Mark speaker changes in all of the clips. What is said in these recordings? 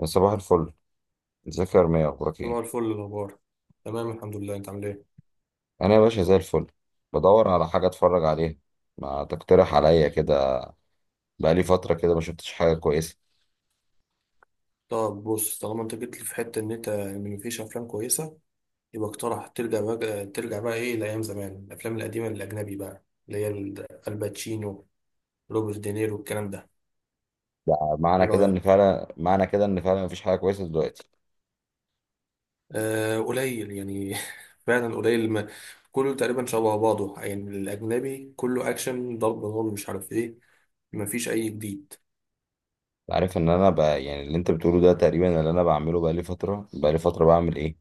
Speaker 1: يا صباح الفل. ازيك يا رمية؟ اخبارك
Speaker 2: صباح
Speaker 1: ايه؟
Speaker 2: الفل. الأخبار تمام، الحمد لله. أنت عامل إيه؟
Speaker 1: انا يا باشا زي الفل. بدور على حاجه اتفرج عليها. ما تقترح عليا كده. بقالي فتره كده ما شفتش حاجه كويسه.
Speaker 2: طب بص، طالما أنت جيت لي في حتة إن مفيش أفلام كويسة، يبقى اقترح ترجع بقى إيه لأيام زمان، الأفلام القديمة الأجنبي بقى اللي هي الباتشينو، روبرت دينيرو، الكلام ده.
Speaker 1: ده معنى
Speaker 2: إيه
Speaker 1: كده ان
Speaker 2: رأيك؟
Speaker 1: فعلا معنى كده ان فعلا مفيش حاجه كويسه دلوقتي.
Speaker 2: آه، قليل يعني فعلا قليل ما. كله تقريبا شبه بعضه يعني، الأجنبي كله أكشن، ضرب نار، مش عارف إيه. مفيش أي جديد.
Speaker 1: أنت عارف ان انا بقى، يعني اللي انت بتقوله ده تقريبا اللي انا بعمله. بقالي فتره بعمل ايه؟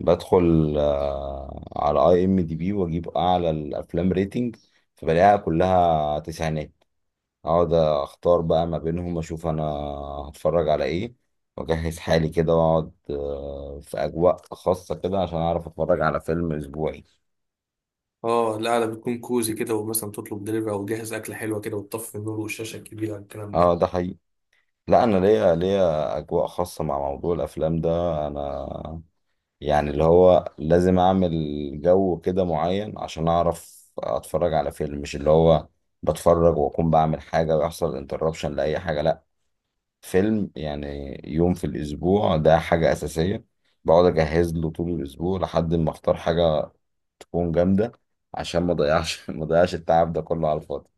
Speaker 1: بدخل على اي ام دي بي، واجيب اعلى الافلام ريتنج. فبلاقيها كلها تسعينات. اقعد اختار بقى ما بينهم، اشوف انا هتفرج على ايه. واجهز حالي كده، واقعد في اجواء خاصة كده، عشان اعرف اتفرج على فيلم اسبوعي.
Speaker 2: اه، القعدة بتكون كوزي كده، ومثلا تطلب دليفري او جاهز اكله حلوه كده، وتطفي النور والشاشه الكبيره، الكلام
Speaker 1: اه،
Speaker 2: ده.
Speaker 1: ده حقيقي. لا، انا ليا اجواء خاصة مع موضوع الافلام ده. انا يعني اللي هو لازم اعمل جو كده معين، عشان اعرف اتفرج على فيلم. مش اللي هو بتفرج واكون بعمل حاجة ويحصل انتربشن لاي حاجة. لا. فيلم يعني يوم في الأسبوع ده حاجة أساسية. بقعد أجهز له طول الأسبوع لحد ما أختار حاجة تكون جامدة. عشان ما أضيعش ما أضيعش التعب ده كله على الفاضي.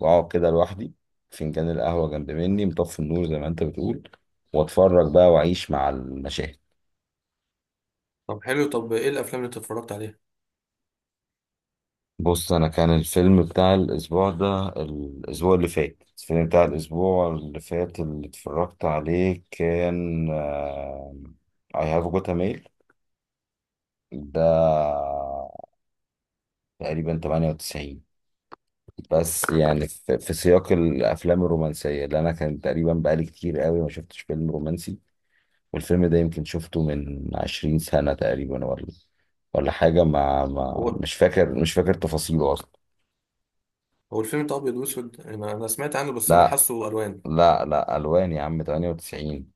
Speaker 1: وأقعد كده لوحدي، فنجان القهوة جنب مني، مطفي النور زي ما أنت بتقول. وأتفرج بقى وأعيش مع المشاهد.
Speaker 2: طب حلو. طب ايه الافلام اللي انت اتفرجت عليها؟
Speaker 1: بص أنا، كان الفيلم بتاع الأسبوع اللي فات اللي اتفرجت عليه كان I have got a mail. ده تقريبا 98. بس يعني في سياق الافلام الرومانسيه، اللي انا كان تقريبا بقالي كتير قوي ما شفتش فيلم رومانسي. والفيلم ده يمكن شفته من 20 سنه تقريبا، ولا حاجه. ما, ما
Speaker 2: هو
Speaker 1: مش فاكر تفاصيله اصلا.
Speaker 2: الفيلم ده ابيض واسود؟ انا سمعت عنه بس انا
Speaker 1: لا،
Speaker 2: حاسه الوان.
Speaker 1: لا، لا، الوان يا عم، 98.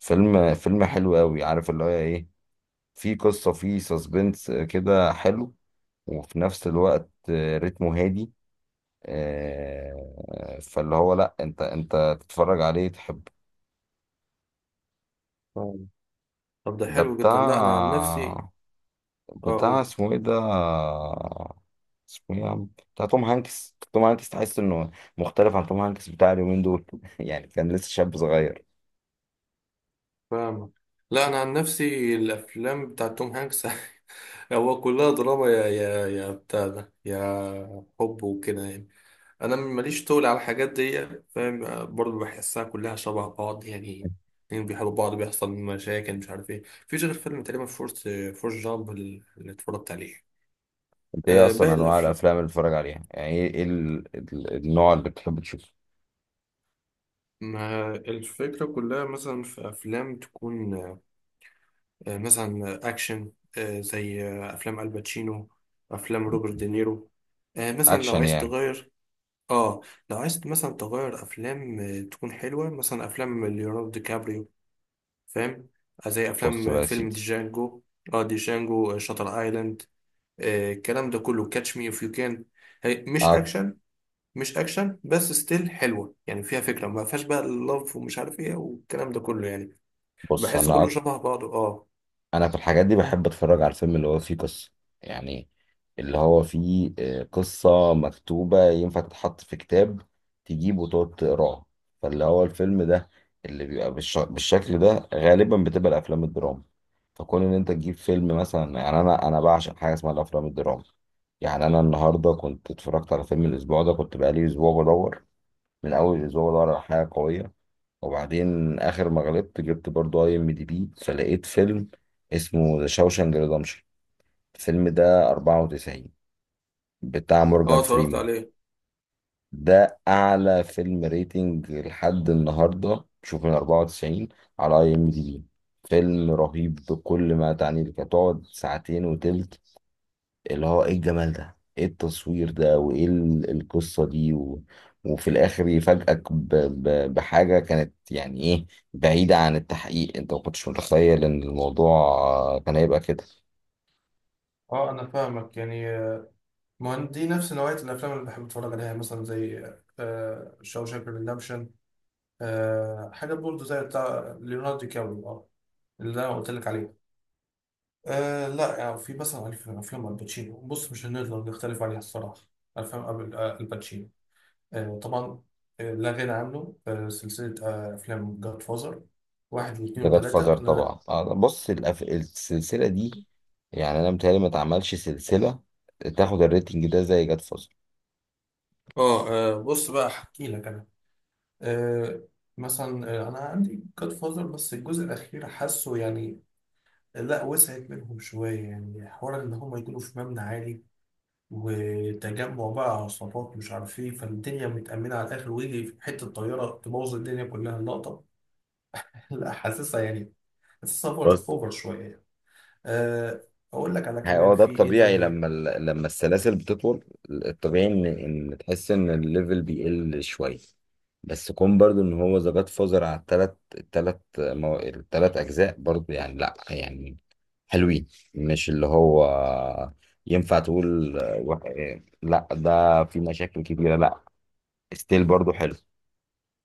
Speaker 1: فيلم حلو قوي. عارف اللي هو ايه؟ في قصه، في سسبنس كده حلو، وفي نفس الوقت رتمه هادي. فاللي هو لا، انت تتفرج عليه تحب.
Speaker 2: ف- طب ده
Speaker 1: ده
Speaker 2: حلو جدا. لا انا عن نفسي،
Speaker 1: بتاع،
Speaker 2: اقول.
Speaker 1: اسمه ايه ده؟ اسمه ايه يا عم؟ بتاع توم هانكس. توم هانكس، تحس انه مختلف عن توم هانكس بتاع اليومين دول يعني كان لسه شاب صغير.
Speaker 2: فاهمك. لا انا عن نفسي الافلام بتاع توم هانكس هو كلها دراما، يا بتاع ده، يا حب وكده يعني. انا ماليش طول على الحاجات دي، فاهم؟ برضه بحسها كلها شبه بعض يعني. اتنين بيحبوا بعض، بيحصل مشاكل، مش عارف ايه. مفيش غير فيلم تقريبا فورس جامب اللي اتفرجت عليه.
Speaker 1: انت ايه اصلا
Speaker 2: باقي
Speaker 1: انواع
Speaker 2: الأفلام،
Speaker 1: الافلام اللي بتتفرج عليها؟ يعني ايه النوع اللي بتحب تشوفه؟
Speaker 2: ما الفكرة كلها. مثلا في أفلام تكون مثلا أكشن، زي أفلام الباتشينو، أفلام روبرت دينيرو، مثلا لو
Speaker 1: اكشن
Speaker 2: عايز
Speaker 1: يعني.
Speaker 2: تغير. آه لو عايز مثلا تغير أفلام تكون حلوة، مثلا أفلام ليوناردو دي كابريو، فاهم؟ زي
Speaker 1: بص
Speaker 2: أفلام
Speaker 1: بقى يا
Speaker 2: فيلم
Speaker 1: سيدي.
Speaker 2: ديجانجو، ديجانجو، شاتر آيلاند، الكلام ده كله، كاتش مي إف يو كان. هي مش
Speaker 1: أك-
Speaker 2: أكشن، مش أكشن بس ستيل حلوة يعني. فيها فكرة، ما فيهاش بقى اللف ومش عارف إيه والكلام ده كله يعني.
Speaker 1: بص،
Speaker 2: بحسه
Speaker 1: انا
Speaker 2: كله شبه بعضه. اه.
Speaker 1: انا في الحاجات دي بحب اتفرج على الفيلم اللي هو فيه قصة. يعني اللي هو فيه قصة مكتوبة ينفع تتحط في كتاب، تجيب وتقعد تقراه. فاللي هو الفيلم ده اللي بيبقى بالشكل ده غالبا بتبقى الافلام الدراما. فكون ان انت تجيب فيلم مثلا، يعني انا بعشق حاجة اسمها الافلام الدراما. يعني انا النهارده كنت اتفرجت على فيلم الاسبوع ده. كنت بقالي اسبوع بدور، من اول الاسبوع بدور على حاجة قوية. وبعدين اخر ما غلبت جبت برضو اي ام دي بي، فلقيت فيلم اسمه ذا شاوشانج ريدمشن. الفيلم ده 94 بتاع مورجان
Speaker 2: اه اتفرجت
Speaker 1: فريمان.
Speaker 2: عليه.
Speaker 1: ده اعلى فيلم ريتنج لحد النهارده، شوف، من 94 على اي ام دي بي. فيلم رهيب بكل ما تعنيه لك. هتقعد ساعتين وتلت اللي هو ايه الجمال ده، ايه التصوير ده، وايه القصة دي وفي الاخر يفاجئك بحاجة كانت يعني ايه، بعيدة عن التحقيق. انت ما كنتش متخيل ان الموضوع كان هيبقى كده.
Speaker 2: اه انا فاهمك يعني، ما هو دي نفس نوعية الافلام اللي بحب اتفرج عليها، مثلا زي شاوشانك ريدمشن. حاجة برضه زي بتاع ليوناردو دي كابريو، اه، اللي انا قلت لك عليه. آه لا يعني، في مثلا افلام الباتشينو بص مش هنقدر نختلف عليها الصراحة. افلام الباتشينو، آه طبعا، آه لا غنى عنه. آه سلسلة افلام جاد فازر واحد واثنين
Speaker 1: ده جاد فازر
Speaker 2: وثلاثة. انا
Speaker 1: طبعا. بص، السلسلة دي يعني انا متهيألي ما اتعملش سلسلة تاخد الريتنج ده زي جاد فازر.
Speaker 2: اه، بص بقى احكي لك انا. آه، مثلا، انا عندي جاد فازر بس الجزء الاخير حاسه يعني لا، وسعت منهم شويه يعني. حوار ان هم يكونوا في مبنى عالي وتجمع بقى عصابات مش عارف ايه، فالدنيا متأمنة على الآخر، ويجي في حتة طيارة تبوظ الدنيا كلها اللقطة. لا حاسسها يعني، حاسسها أوفر
Speaker 1: بس
Speaker 2: أوفر شوية يعني. أه، أقول لك على
Speaker 1: هو
Speaker 2: كمان
Speaker 1: ده
Speaker 2: في إيه
Speaker 1: الطبيعي،
Speaker 2: تاني.
Speaker 1: لما لما السلاسل بتطول. الطبيعي ان تحس ان الليفل بيقل شويه. بس كون برضو ان هو ذا جاد فازر على التلات اجزاء برضو، يعني لا، يعني حلوين. مش اللي هو ينفع تقول لا ده في مشاكل كبيره. لا، ستيل برضو حلو.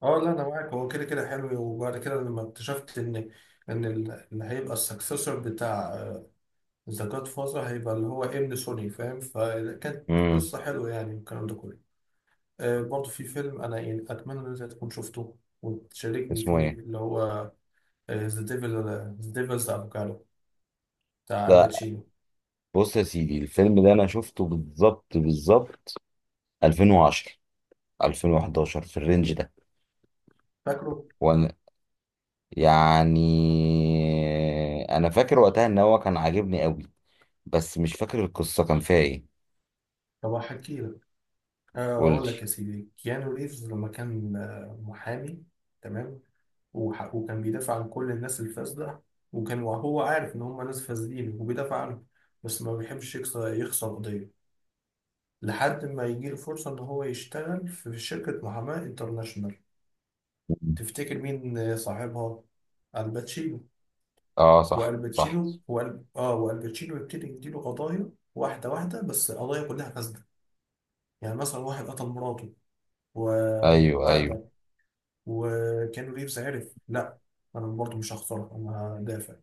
Speaker 2: أه لا أنا معاك، هو كده كده حلو. وبعد كده لما اكتشفت إن اللي هيبقى السكسسور بتاع ذا جاد فازر هيبقى اللي هو ابن سوني، فاهم، فكانت
Speaker 1: امم
Speaker 2: قصة حلوة يعني والكلام ده كله. آه برضه في فيلم أنا يعني أتمنى إن أنت تكون شفته وتشاركني
Speaker 1: اسمه
Speaker 2: فيه
Speaker 1: ايه
Speaker 2: اللي هو ذا ديفلز أفوكادو بتاع
Speaker 1: ده؟
Speaker 2: الباتشينو.
Speaker 1: بص يا سيدي، الفيلم ده انا شفته بالظبط بالظبط، 2010، 2011، في الرينج ده.
Speaker 2: فاكره؟
Speaker 1: يعني انا فاكر وقتها ان هو كان عاجبني قوي، بس مش فاكر القصة كان فيها ايه.
Speaker 2: طب هحكي لك. آه
Speaker 1: قولي.
Speaker 2: أقول لك يا سيدي، كيانو ريفز لما كان محامي، تمام، وكان بيدافع عن كل الناس الفاسدة. وهو عارف إن هم ناس فاسدين وبيدافع عنهم، بس ما بيحبش يخسر قضية، لحد ما يجي له فرصة إن هو يشتغل في شركة محاماة انترناشونال. تفتكر مين صاحبها؟ الباتشينو.
Speaker 1: اه، صح، صح.
Speaker 2: والباتشينو وال... آه والباتشينو يبتدي يديله قضايا واحدة واحدة، بس قضايا كلها فاسدة. يعني مثلا واحد قتل مراته
Speaker 1: ايوه،
Speaker 2: وبتاع
Speaker 1: ايوه.
Speaker 2: ده، وكانو ريفز عرف، لا أنا برضه مش هخسرها، أنا هدافع.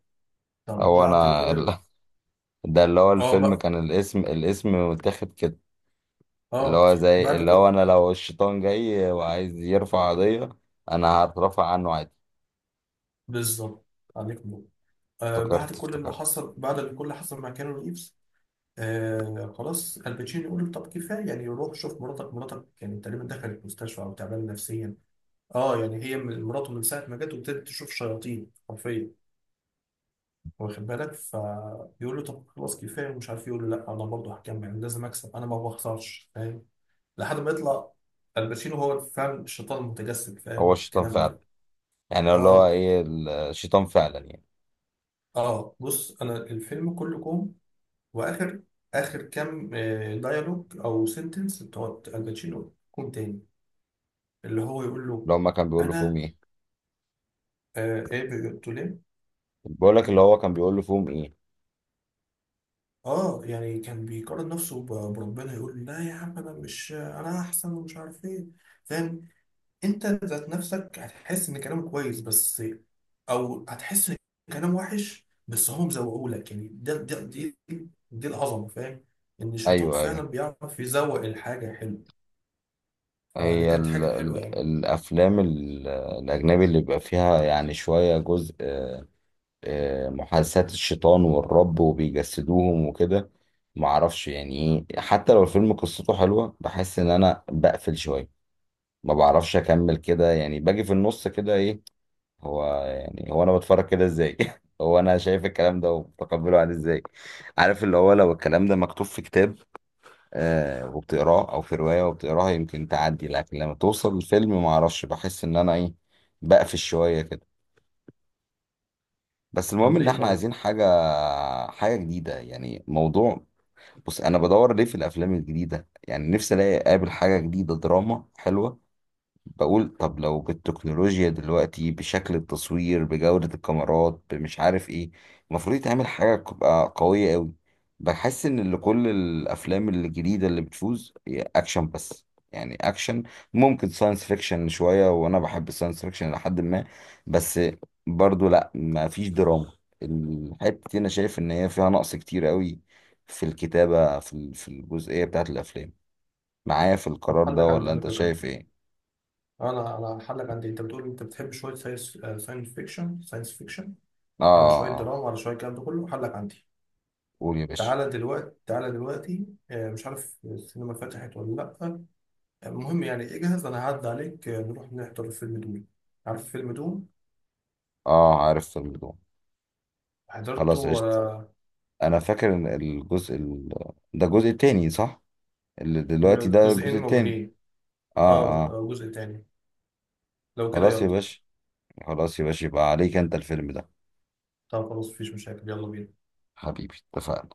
Speaker 2: طب
Speaker 1: هو
Speaker 2: بعد
Speaker 1: انا
Speaker 2: كل
Speaker 1: ده، اللي هو
Speaker 2: آه
Speaker 1: الفيلم
Speaker 2: بقى.
Speaker 1: كان، الاسم متاخد كده. اللي
Speaker 2: آه
Speaker 1: هو زي
Speaker 2: بعد
Speaker 1: اللي هو،
Speaker 2: كل
Speaker 1: انا لو الشيطان جاي وعايز يرفع قضية، انا هترفع عنه عادي.
Speaker 2: بالظبط. عليك نور. آه بعد
Speaker 1: افتكرت،
Speaker 2: كل اللي
Speaker 1: افتكرت.
Speaker 2: حصل بعد اللي كل اللي حصل مع كانو ريفز، آه خلاص، الباتشينو يقول له طب كفايه يعني، روح شوف مراتك، مراتك يعني تقريبا دخلت مستشفى او تعبانه نفسيا. اه يعني هي مراته من ساعه ما جت، وابتدت تشوف شياطين حرفيا، واخد بالك؟ فيقول له طب خلاص كفايه ومش عارف إيه. يقول له لا انا برضه هكمل، لازم اكسب، انا ما بخسرش، فاهم؟ لحد ما يطلع الباتشينو هو فاهم الشيطان المتجسد،
Speaker 1: هو
Speaker 2: فاهم
Speaker 1: الشيطان
Speaker 2: الكلام
Speaker 1: فعلا.
Speaker 2: ده.
Speaker 1: يعني اللي هو
Speaker 2: اه.
Speaker 1: ايه الشيطان فعلا يعني.
Speaker 2: اه بص، انا الفيلم كله كوم، واخر كام ديالوج او سنتنس بتوع الباتشينو كوم تاني، اللي هو يقول له.
Speaker 1: اللي هما كان بيقول له فيهم
Speaker 2: انا
Speaker 1: ايه؟
Speaker 2: ايه قلت له ليه؟
Speaker 1: بقول لك، اللي هو كان بيقول له فيهم ايه؟
Speaker 2: اه يعني كان بيقارن نفسه بربنا، يقول لا يا عم انا مش، انا احسن، ومش عارف ايه، فاهم؟ انت ذات نفسك هتحس ان كلامك كويس بس، او هتحس ان كلام وحش بس هم مزوقوا لك يعني. ده ده دي دي العظمه، فاهم؟ ان الشيطان
Speaker 1: ايوه،
Speaker 2: فعلا
Speaker 1: ايوه.
Speaker 2: بيعرف يزوق الحاجه حلوه، فدي
Speaker 1: هي
Speaker 2: كانت
Speaker 1: ال
Speaker 2: حاجه حلوه
Speaker 1: ال
Speaker 2: يعني.
Speaker 1: الأفلام الأجنبي اللي بيبقى فيها يعني شوية جزء، محادثات الشيطان والرب وبيجسدوهم وكده. معرفش يعني إيه، حتى لو الفيلم قصته حلوة بحس إن أنا بقفل شوية. ما بعرفش أكمل كده. يعني باجي في النص كده إيه؟ هو يعني، هو أنا بتفرج كده إزاي؟ هو أنا شايف الكلام ده ومتقبله عادي إزاي؟ عارف، اللي هو لو الكلام ده مكتوب في كتاب وبتقراه، او في روايه وبتقراها يمكن تعدي. لكن لما توصل الفيلم ما اعرفش، بحس ان انا ايه، بقفش شويه كده. بس المهم
Speaker 2: طب
Speaker 1: ان
Speaker 2: ليه
Speaker 1: احنا
Speaker 2: طيب؟
Speaker 1: عايزين حاجه، حاجه جديده، يعني موضوع. بص، انا بدور ليه في الافلام الجديده؟ يعني نفسي الاقي اقابل حاجه جديده، دراما حلوه. بقول طب لو بالتكنولوجيا دلوقتي، بشكل التصوير، بجودة الكاميرات، بمش عارف ايه، المفروض يتعمل حاجة تبقى قوية قوي. بحس ان اللي كل الافلام الجديدة اللي بتفوز هي اكشن بس. يعني اكشن، ممكن ساينس فيكشن شوية، وانا بحب الساينس فيكشن لحد ما. بس برضو لا، ما فيش دراما. الحتة دي انا شايف ان هي فيها نقص كتير قوي في الكتابة، في في الجزئية بتاعت الافلام. معايا في
Speaker 2: طب
Speaker 1: القرار ده
Speaker 2: حلك عندي
Speaker 1: ولا
Speaker 2: على
Speaker 1: انت
Speaker 2: فكره.
Speaker 1: شايف ايه؟
Speaker 2: اه، انا هحلك عندي، انت بتقول انت بتحب شويه ساينس فيكشن
Speaker 1: اه.
Speaker 2: على شويه
Speaker 1: آه، آه.
Speaker 2: دراما، على شويه الكلام ده كله، هحلك عندي.
Speaker 1: قول يا باشا.
Speaker 2: تعالى دلوقتي، مش عارف السينما فتحت ولا لا. المهم يعني اجهز، انا هعدي عليك، نروح نحضر فيلم دوم. عارف فيلم دوم؟
Speaker 1: اه، عارف فيلم دوم.
Speaker 2: حضرته
Speaker 1: خلاص،
Speaker 2: ولا؟
Speaker 1: عشت. انا فاكر ان الجزء ده الجزء التاني، صح؟ اللي دلوقتي ده الجزء
Speaker 2: جزئين
Speaker 1: التاني.
Speaker 2: موجودين. اه،
Speaker 1: اه، اه.
Speaker 2: جزء تاني. لو كده
Speaker 1: خلاص يا
Speaker 2: يلا.
Speaker 1: باشا، خلاص يا باشا، يبقى عليك انت الفيلم ده.
Speaker 2: طب خلاص مفيش مشاكل، يلا بينا.
Speaker 1: حبيبي، اتفقنا.